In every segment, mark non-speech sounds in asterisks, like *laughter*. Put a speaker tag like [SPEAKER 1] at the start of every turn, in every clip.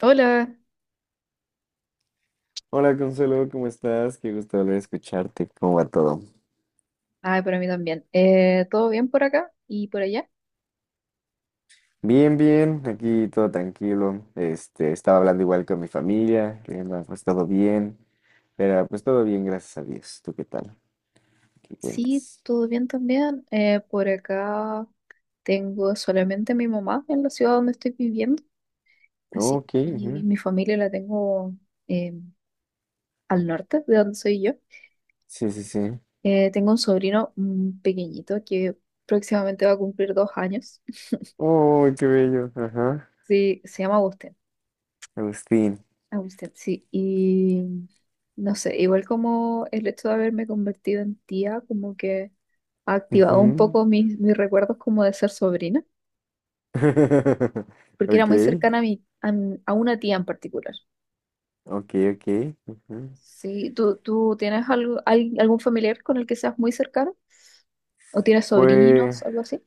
[SPEAKER 1] Hola,
[SPEAKER 2] Hola Consuelo, ¿cómo estás? Qué gusto volver a escucharte. ¿Cómo va todo?
[SPEAKER 1] ay, para mí también. ¿Todo bien por acá y por allá?
[SPEAKER 2] Bien, bien, aquí todo tranquilo. Estaba hablando igual con mi familia, que me ha pues todo bien, pero pues todo bien, gracias a Dios. ¿Tú qué tal? ¿Qué
[SPEAKER 1] Sí,
[SPEAKER 2] cuentas?
[SPEAKER 1] todo bien también. Por acá tengo solamente a mi mamá en la ciudad donde estoy viviendo, así
[SPEAKER 2] Ok,
[SPEAKER 1] que
[SPEAKER 2] ujú.
[SPEAKER 1] mi familia la tengo eh, al norte, de donde soy yo.
[SPEAKER 2] Sí, sí, sí.
[SPEAKER 1] Tengo un sobrino pequeñito que próximamente va a cumplir 2 años. *laughs*
[SPEAKER 2] Oh, qué bello. Ajá.
[SPEAKER 1] Sí, se llama Agustín.
[SPEAKER 2] Agustín.
[SPEAKER 1] Agustín, sí. Y no sé, igual como el hecho de haberme convertido en tía, como que activado un
[SPEAKER 2] Ujú.
[SPEAKER 1] poco mis recuerdos como de ser sobrina,
[SPEAKER 2] *laughs*
[SPEAKER 1] porque era muy
[SPEAKER 2] Ok,
[SPEAKER 1] cercana a una tía en particular.
[SPEAKER 2] ok, ok. Ujú.
[SPEAKER 1] Sí, ¿tú tienes algo, algún familiar con el que seas muy cercano? ¿O tienes
[SPEAKER 2] Pues,
[SPEAKER 1] sobrinos, algo así?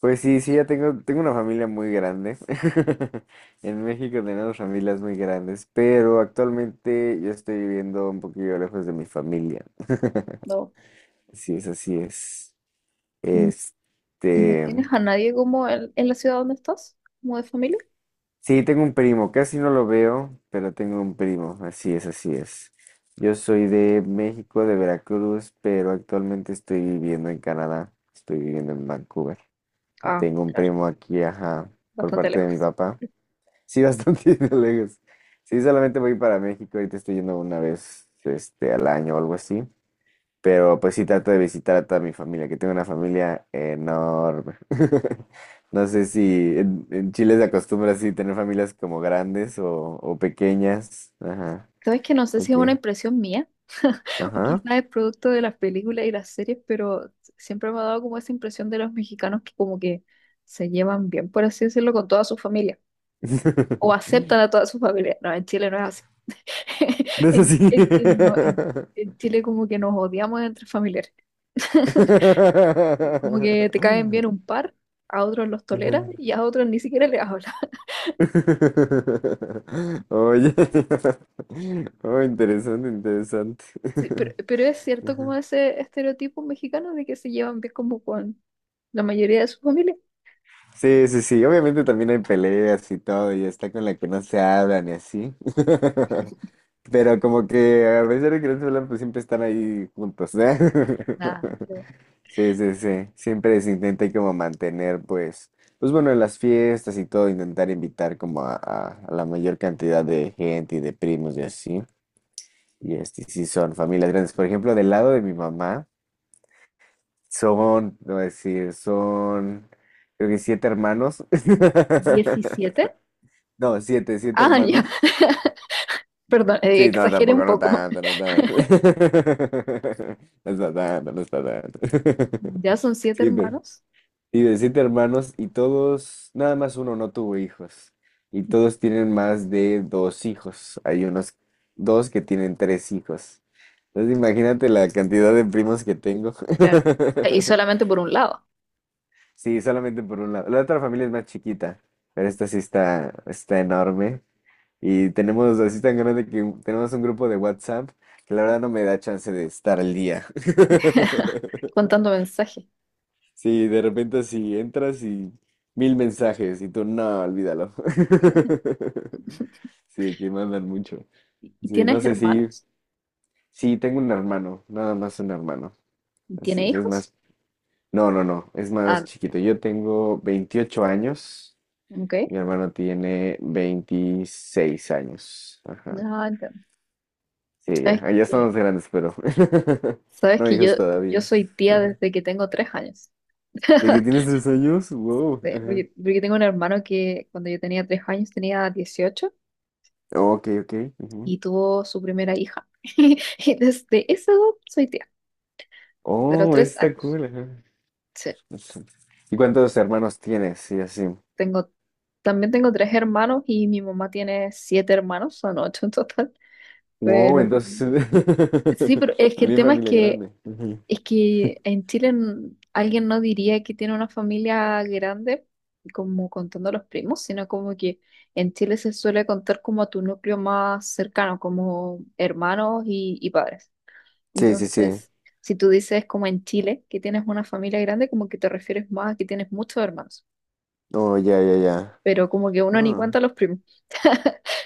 [SPEAKER 2] Pues sí, sí, ya tengo una familia muy grande. *laughs* En México tenemos familias muy grandes, pero actualmente yo estoy viviendo un poquillo lejos de mi familia. *laughs*
[SPEAKER 1] No.
[SPEAKER 2] Así es.
[SPEAKER 1] Mm, ¿Y no
[SPEAKER 2] Este,
[SPEAKER 1] tienes a nadie como en la ciudad donde estás? ¿Como de familia?
[SPEAKER 2] sí, tengo un primo, casi no lo veo, pero tengo un primo, así es, así es. Yo soy de México, de Veracruz, pero actualmente estoy viviendo en Canadá, estoy viviendo en Vancouver. Y
[SPEAKER 1] Ah,
[SPEAKER 2] tengo un
[SPEAKER 1] claro,
[SPEAKER 2] primo aquí, ajá, por
[SPEAKER 1] bastante
[SPEAKER 2] parte de mi
[SPEAKER 1] lejos.
[SPEAKER 2] papá. Sí, bastante *laughs* lejos. Sí, solamente voy para México, ahorita estoy yendo una vez al año o algo así. Pero pues sí trato de visitar a toda mi familia, que tengo una familia enorme. *laughs* No sé si en Chile se acostumbra así tener familias como grandes o pequeñas. Ajá,
[SPEAKER 1] Sabes que no sé si
[SPEAKER 2] ok.
[SPEAKER 1] es una impresión mía *laughs* o
[SPEAKER 2] Ajá.
[SPEAKER 1] quizás es producto de las películas y las series, pero siempre me ha dado como esa impresión de los mexicanos que como que se llevan bien, por así decirlo, con toda su familia. O aceptan
[SPEAKER 2] *laughs*
[SPEAKER 1] a toda su familia. No, en Chile no es así. *laughs*
[SPEAKER 2] No es
[SPEAKER 1] En,
[SPEAKER 2] así.
[SPEAKER 1] no, en Chile como que nos odiamos entre familiares. *laughs*
[SPEAKER 2] *laughs*
[SPEAKER 1] Como que te caen bien un par, a otros los
[SPEAKER 2] Ajá.
[SPEAKER 1] toleras y a otros ni siquiera les hablas. *laughs*
[SPEAKER 2] *laughs* Oye, *laughs* oh, interesante, interesante.
[SPEAKER 1] Sí, pero,
[SPEAKER 2] *laughs*
[SPEAKER 1] pero es cierto como
[SPEAKER 2] Ajá.
[SPEAKER 1] ese estereotipo mexicano de que se llevan bien como con la mayoría de su familia.
[SPEAKER 2] Sí, sí, sí, obviamente también hay peleas y todo, y está con la que no se hablan y así. *laughs* Pero como que a pesar de que no se hablan, pues siempre están ahí juntos, ¿eh?
[SPEAKER 1] Nada,
[SPEAKER 2] *laughs* Sí, sí, sí, siempre se intenta ahí como mantener, pues bueno, en las fiestas y todo, intentar invitar como a, a la mayor cantidad de gente y de primos y así. Y sí, son familias grandes. Por ejemplo, del lado de mi mamá, son, no voy a decir, son, creo que siete hermanos. *laughs*
[SPEAKER 1] ¿17?
[SPEAKER 2] No, siete, siete
[SPEAKER 1] Ah, ya,
[SPEAKER 2] hermanos.
[SPEAKER 1] *laughs* perdón,
[SPEAKER 2] Sí, no,
[SPEAKER 1] exageré un
[SPEAKER 2] tampoco, no
[SPEAKER 1] poco.
[SPEAKER 2] tanto, no tanto. *laughs* No está tanto, no está tanto.
[SPEAKER 1] Ya son
[SPEAKER 2] *laughs*
[SPEAKER 1] siete
[SPEAKER 2] Sí, pero.
[SPEAKER 1] hermanos,
[SPEAKER 2] Y de siete hermanos y todos, nada más uno no tuvo hijos. Y todos tienen más de dos hijos. Hay unos dos que tienen tres hijos. Entonces imagínate la cantidad de primos que tengo.
[SPEAKER 1] claro, y
[SPEAKER 2] *laughs*
[SPEAKER 1] solamente por un lado,
[SPEAKER 2] Sí, solamente por un lado. La otra familia es más chiquita, pero esta sí está enorme. Y tenemos así tan grande que tenemos un grupo de WhatsApp que la verdad no me da chance de estar al día. *laughs*
[SPEAKER 1] contando mensajes.
[SPEAKER 2] Sí, de repente así entras y mil mensajes y tú, no, olvídalo. *laughs* Sí, que mandan mucho.
[SPEAKER 1] ¿Y
[SPEAKER 2] Sí, no
[SPEAKER 1] tienes
[SPEAKER 2] sé si,
[SPEAKER 1] hermanos?
[SPEAKER 2] sí, tengo un hermano, nada más un hermano.
[SPEAKER 1] ¿Y
[SPEAKER 2] Así
[SPEAKER 1] tiene
[SPEAKER 2] es,
[SPEAKER 1] hijos?
[SPEAKER 2] no, no, no, es más
[SPEAKER 1] Ah,
[SPEAKER 2] chiquito. Yo tengo 28 años
[SPEAKER 1] ok.
[SPEAKER 2] y mi hermano tiene 26 años. Ajá.
[SPEAKER 1] Ah, entiendo.
[SPEAKER 2] Sí, ya,
[SPEAKER 1] ¿Sabes
[SPEAKER 2] ah, ya
[SPEAKER 1] que,
[SPEAKER 2] estamos grandes, pero *laughs*
[SPEAKER 1] sabes
[SPEAKER 2] no
[SPEAKER 1] que yo,
[SPEAKER 2] hijos
[SPEAKER 1] yo
[SPEAKER 2] todavía.
[SPEAKER 1] soy tía
[SPEAKER 2] Ajá.
[SPEAKER 1] desde que tengo 3 años?
[SPEAKER 2] ¿De que tienes
[SPEAKER 1] *laughs*
[SPEAKER 2] 3 años? Wow.
[SPEAKER 1] Sí,
[SPEAKER 2] Ajá.
[SPEAKER 1] porque tengo un hermano que cuando yo tenía 3 años tenía 18
[SPEAKER 2] Oh, ok, ok.
[SPEAKER 1] y tuvo su primera hija. *laughs* Y desde esa edad soy tía, de los
[SPEAKER 2] Oh, eso
[SPEAKER 1] tres
[SPEAKER 2] está
[SPEAKER 1] años.
[SPEAKER 2] cool. Ajá.
[SPEAKER 1] Sí,
[SPEAKER 2] Eso. ¿Y cuántos hermanos tienes? Y así.
[SPEAKER 1] tengo, también tengo tres hermanos y mi mamá tiene siete hermanos, son ocho en total.
[SPEAKER 2] Wow,
[SPEAKER 1] Pero
[SPEAKER 2] entonces *laughs*
[SPEAKER 1] sí, pero es que el
[SPEAKER 2] también
[SPEAKER 1] tema es
[SPEAKER 2] familia
[SPEAKER 1] que
[SPEAKER 2] grande. Ujú.
[SPEAKER 1] es que en Chile alguien no diría que tiene una familia grande, como contando a los primos, sino como que en Chile se suele contar como a tu núcleo más cercano, como hermanos y padres.
[SPEAKER 2] Sí, sí, sí.
[SPEAKER 1] Entonces, si tú dices como en Chile que tienes una familia grande, como que te refieres más a que tienes muchos hermanos,
[SPEAKER 2] Oh, ya, ya, ya.
[SPEAKER 1] pero como que uno ni
[SPEAKER 2] Ah,
[SPEAKER 1] cuenta a los primos,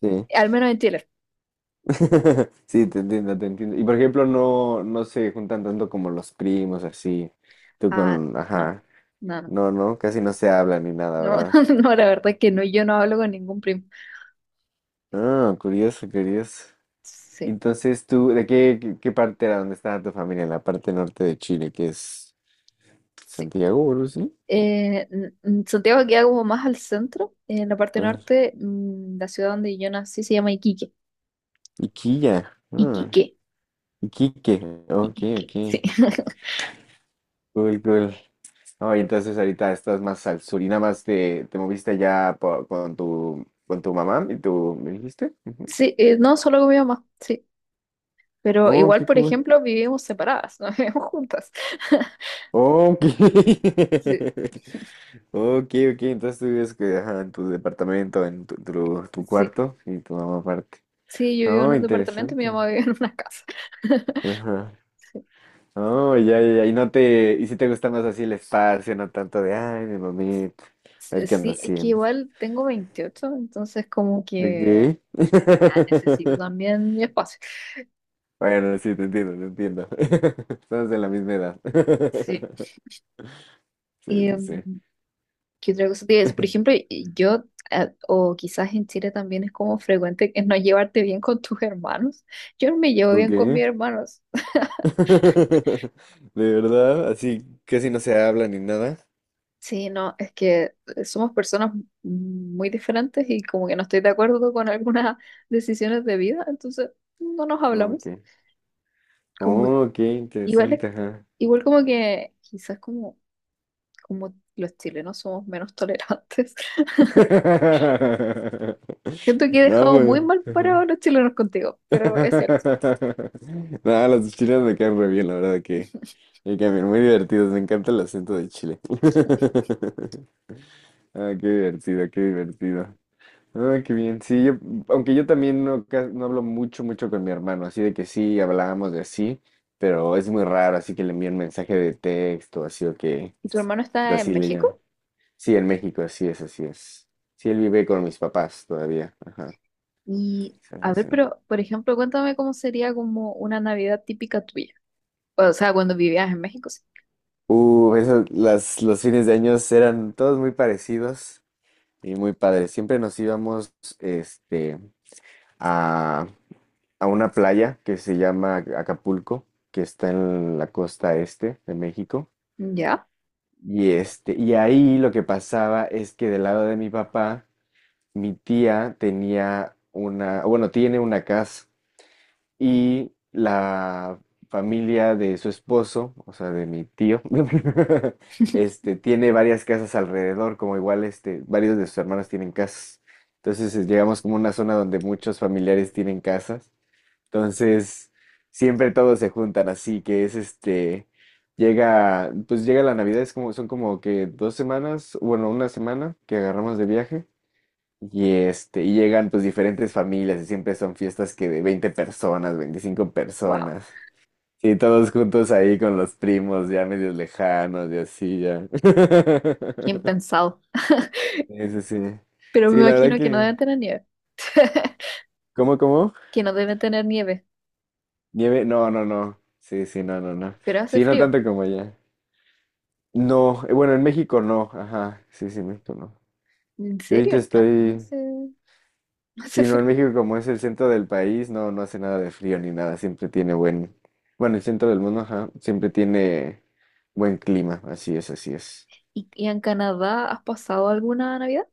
[SPEAKER 2] sí.
[SPEAKER 1] al menos en Chile.
[SPEAKER 2] *laughs* Sí, te entiendo, te entiendo. Y por ejemplo, no, no se juntan tanto como los primos, así. Tú
[SPEAKER 1] Ah,
[SPEAKER 2] con,
[SPEAKER 1] no,
[SPEAKER 2] ajá.
[SPEAKER 1] no, no,
[SPEAKER 2] No, no, casi no se hablan ni nada,
[SPEAKER 1] no,
[SPEAKER 2] ¿verdad?
[SPEAKER 1] *laughs* no, la verdad es que no, yo no hablo con ningún primo.
[SPEAKER 2] Ah, curioso, curioso.
[SPEAKER 1] Sí.
[SPEAKER 2] Entonces, ¿tú de qué parte era donde estaba tu familia? En la parte norte de Chile, que es
[SPEAKER 1] Sí.
[SPEAKER 2] Santiago, o algo así.
[SPEAKER 1] Santiago queda como más al centro, en la parte
[SPEAKER 2] Ah,
[SPEAKER 1] norte, la ciudad donde yo nací se llama Iquique.
[SPEAKER 2] Iquilla. Ah,
[SPEAKER 1] Iquique,
[SPEAKER 2] Iquique. Ok, ok.
[SPEAKER 1] Iquique, sí. *laughs*
[SPEAKER 2] Cool, cool. Oh, y entonces ahorita estás más al sur y nada más te moviste allá con tu mamá y tú, ¿me dijiste? Ujú.
[SPEAKER 1] Sí, no, solo con mi mamá, sí. Pero
[SPEAKER 2] Oh,
[SPEAKER 1] igual,
[SPEAKER 2] qué
[SPEAKER 1] por
[SPEAKER 2] cool.
[SPEAKER 1] ejemplo, vivimos separadas, no *laughs* vivimos juntas. *laughs*
[SPEAKER 2] Oh, ok. *laughs*
[SPEAKER 1] Sí,
[SPEAKER 2] Ok, ok. Entonces tú vives que, ajá, en tu departamento, en tu
[SPEAKER 1] sí.
[SPEAKER 2] cuarto y tu mamá aparte.
[SPEAKER 1] Sí, yo vivo en
[SPEAKER 2] Oh,
[SPEAKER 1] un departamento y mi
[SPEAKER 2] interesante.
[SPEAKER 1] mamá vive en una casa.
[SPEAKER 2] Ajá.
[SPEAKER 1] *laughs* Sí,
[SPEAKER 2] Oh, ya, ya, ya. Y no te, y si te gusta más así el espacio, no tanto de, ay, mi mamita, a
[SPEAKER 1] sí,
[SPEAKER 2] ver qué anda
[SPEAKER 1] sí, es que
[SPEAKER 2] haciendo.
[SPEAKER 1] igual tengo 28, entonces como que
[SPEAKER 2] Ok.
[SPEAKER 1] ya necesito
[SPEAKER 2] *laughs*
[SPEAKER 1] también mi espacio.
[SPEAKER 2] Bueno, sí, te entiendo, te entiendo. *laughs* Estamos de la misma edad.
[SPEAKER 1] Sí.
[SPEAKER 2] *laughs* Sí, sí, sí.
[SPEAKER 1] ¿Qué otra cosa te iba a decir? Por ejemplo,
[SPEAKER 2] *laughs*
[SPEAKER 1] yo, o quizás en Chile también es como frecuente que no llevarte bien con tus hermanos. Yo no me llevo
[SPEAKER 2] ¿Con
[SPEAKER 1] bien con
[SPEAKER 2] qué?
[SPEAKER 1] mis hermanos.
[SPEAKER 2] *laughs* ¿De verdad? Así casi no se habla ni nada.
[SPEAKER 1] Sí, no, es que somos personas muy diferentes y como que no estoy de acuerdo con algunas *laughs* decisiones de vida, entonces no nos
[SPEAKER 2] Ok.
[SPEAKER 1] hablamos. Como
[SPEAKER 2] Oh, qué
[SPEAKER 1] igual,
[SPEAKER 2] interesante, ajá.
[SPEAKER 1] igual como que quizás como los chilenos somos menos tolerantes. *laughs*
[SPEAKER 2] *laughs*
[SPEAKER 1] Siento que he
[SPEAKER 2] No,
[SPEAKER 1] dejado muy
[SPEAKER 2] pues.
[SPEAKER 1] mal parados a
[SPEAKER 2] *laughs*
[SPEAKER 1] los chilenos contigo, pero es cierto.
[SPEAKER 2] *laughs* Nada, las de Chile me quedan re bien, la verdad que me quedan bien, muy divertidos, me encanta el acento de Chile. *laughs* Ah, qué divertido, qué divertido. Ah, qué bien, sí, aunque yo también no, no hablo mucho, mucho con mi hermano, así de que sí, hablábamos de así, pero es muy raro, así que le envío un mensaje de texto, así o que
[SPEAKER 1] ¿Y tu hermano está en
[SPEAKER 2] así le
[SPEAKER 1] México?
[SPEAKER 2] llaman. Sí, en México, así es, así es. Sí, él vive con mis papás todavía, ajá.
[SPEAKER 1] Y
[SPEAKER 2] Sí,
[SPEAKER 1] a ver,
[SPEAKER 2] sí.
[SPEAKER 1] pero por ejemplo, cuéntame cómo sería como una Navidad típica tuya. O sea, cuando vivías en México, sí.
[SPEAKER 2] Eso, las, los fines de año eran todos muy parecidos y muy padres. Siempre nos íbamos este, a, a una playa que se llama Acapulco, que está en la costa este de México.
[SPEAKER 1] Ya,
[SPEAKER 2] Y, y ahí lo que pasaba es que del lado de mi papá, mi tía tenía una, bueno, tiene una casa y la familia de su esposo, o sea, de mi tío, *laughs* tiene varias casas alrededor, como igual varios de sus hermanos tienen casas. Entonces llegamos como a una zona donde muchos familiares tienen casas. Entonces, siempre todos se juntan, así que llega la Navidad, es como, son como que 2 semanas, bueno, una semana que agarramos de viaje. Y llegan pues diferentes familias y siempre son fiestas que de 20 personas, veinticinco
[SPEAKER 1] wow,
[SPEAKER 2] personas. Sí, todos juntos ahí con los primos ya medios lejanos y así ya. *laughs*
[SPEAKER 1] bien pensado.
[SPEAKER 2] Sí, sí, sí.
[SPEAKER 1] Pero
[SPEAKER 2] Sí,
[SPEAKER 1] me
[SPEAKER 2] la verdad
[SPEAKER 1] imagino que no
[SPEAKER 2] que...
[SPEAKER 1] deben tener nieve, *laughs*
[SPEAKER 2] ¿¿Cómo?
[SPEAKER 1] que no deben tener nieve,
[SPEAKER 2] Nieve, no, no, no. Sí, sí, no, no, no.
[SPEAKER 1] pero hace
[SPEAKER 2] Sí, no
[SPEAKER 1] frío.
[SPEAKER 2] tanto como allá. No, bueno, en México no. Ajá, sí, sí, en México no.
[SPEAKER 1] ¿En
[SPEAKER 2] Yo ahorita
[SPEAKER 1] serio? No, no
[SPEAKER 2] estoy...
[SPEAKER 1] hace, *laughs* no hace
[SPEAKER 2] Sí, no, en
[SPEAKER 1] frío.
[SPEAKER 2] México como es el centro del país, no, no hace nada de frío ni nada, siempre tiene buen, bueno, el centro del mundo, ajá, siempre tiene buen clima, así es, así es.
[SPEAKER 1] ¿Y en Canadá has pasado alguna Navidad?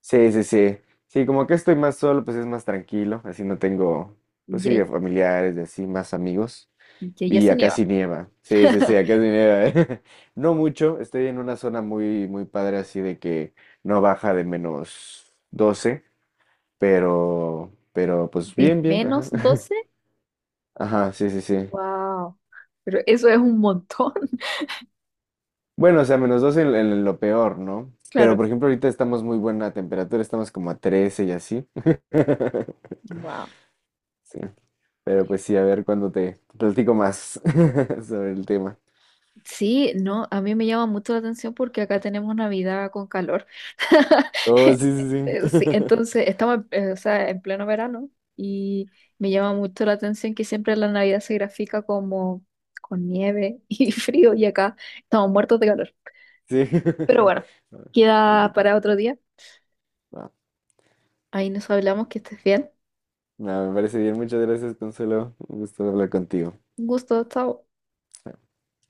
[SPEAKER 2] Sí, sí, sí. Sí, como que estoy más solo, pues es más tranquilo, así no tengo, pues sí,
[SPEAKER 1] Ya,
[SPEAKER 2] familiares y así, más amigos.
[SPEAKER 1] ya, ya
[SPEAKER 2] Y
[SPEAKER 1] sí
[SPEAKER 2] acá
[SPEAKER 1] nieva.
[SPEAKER 2] sí nieva, sí, sí, sí, acá
[SPEAKER 1] *laughs*
[SPEAKER 2] sí nieva. *laughs* No mucho, estoy en una zona muy, muy padre, así de que no baja de -12, pero pues
[SPEAKER 1] ¿De
[SPEAKER 2] bien, bien,
[SPEAKER 1] menos
[SPEAKER 2] ajá. *laughs*
[SPEAKER 1] doce
[SPEAKER 2] Ajá, sí, sí, sí.
[SPEAKER 1] Wow, pero eso es un montón,
[SPEAKER 2] Bueno, o sea, -2 en lo peor, ¿no?
[SPEAKER 1] *laughs*
[SPEAKER 2] Pero
[SPEAKER 1] claro.
[SPEAKER 2] por ejemplo, ahorita estamos muy buena temperatura, estamos como a 13 y así. *laughs*
[SPEAKER 1] Wow.
[SPEAKER 2] Sí. Pero pues sí, a ver cuándo te platico más *laughs* sobre el tema.
[SPEAKER 1] Sí, no, a mí me llama mucho la atención porque acá tenemos Navidad con calor. *laughs*
[SPEAKER 2] Oh, sí, sí,
[SPEAKER 1] Sí,
[SPEAKER 2] sí.
[SPEAKER 1] entonces
[SPEAKER 2] *laughs*
[SPEAKER 1] estamos, o sea, en pleno verano y me llama mucho la atención que siempre la Navidad se grafica como con nieve *laughs* y frío y acá estamos muertos de calor.
[SPEAKER 2] Sí.
[SPEAKER 1] Pero
[SPEAKER 2] *laughs*
[SPEAKER 1] bueno,
[SPEAKER 2] Va,
[SPEAKER 1] queda para otro día. Ahí nos hablamos, que estés bien.
[SPEAKER 2] no, me parece bien. Muchas gracias, Consuelo. Un gusto hablar contigo.
[SPEAKER 1] Un gusto, chao.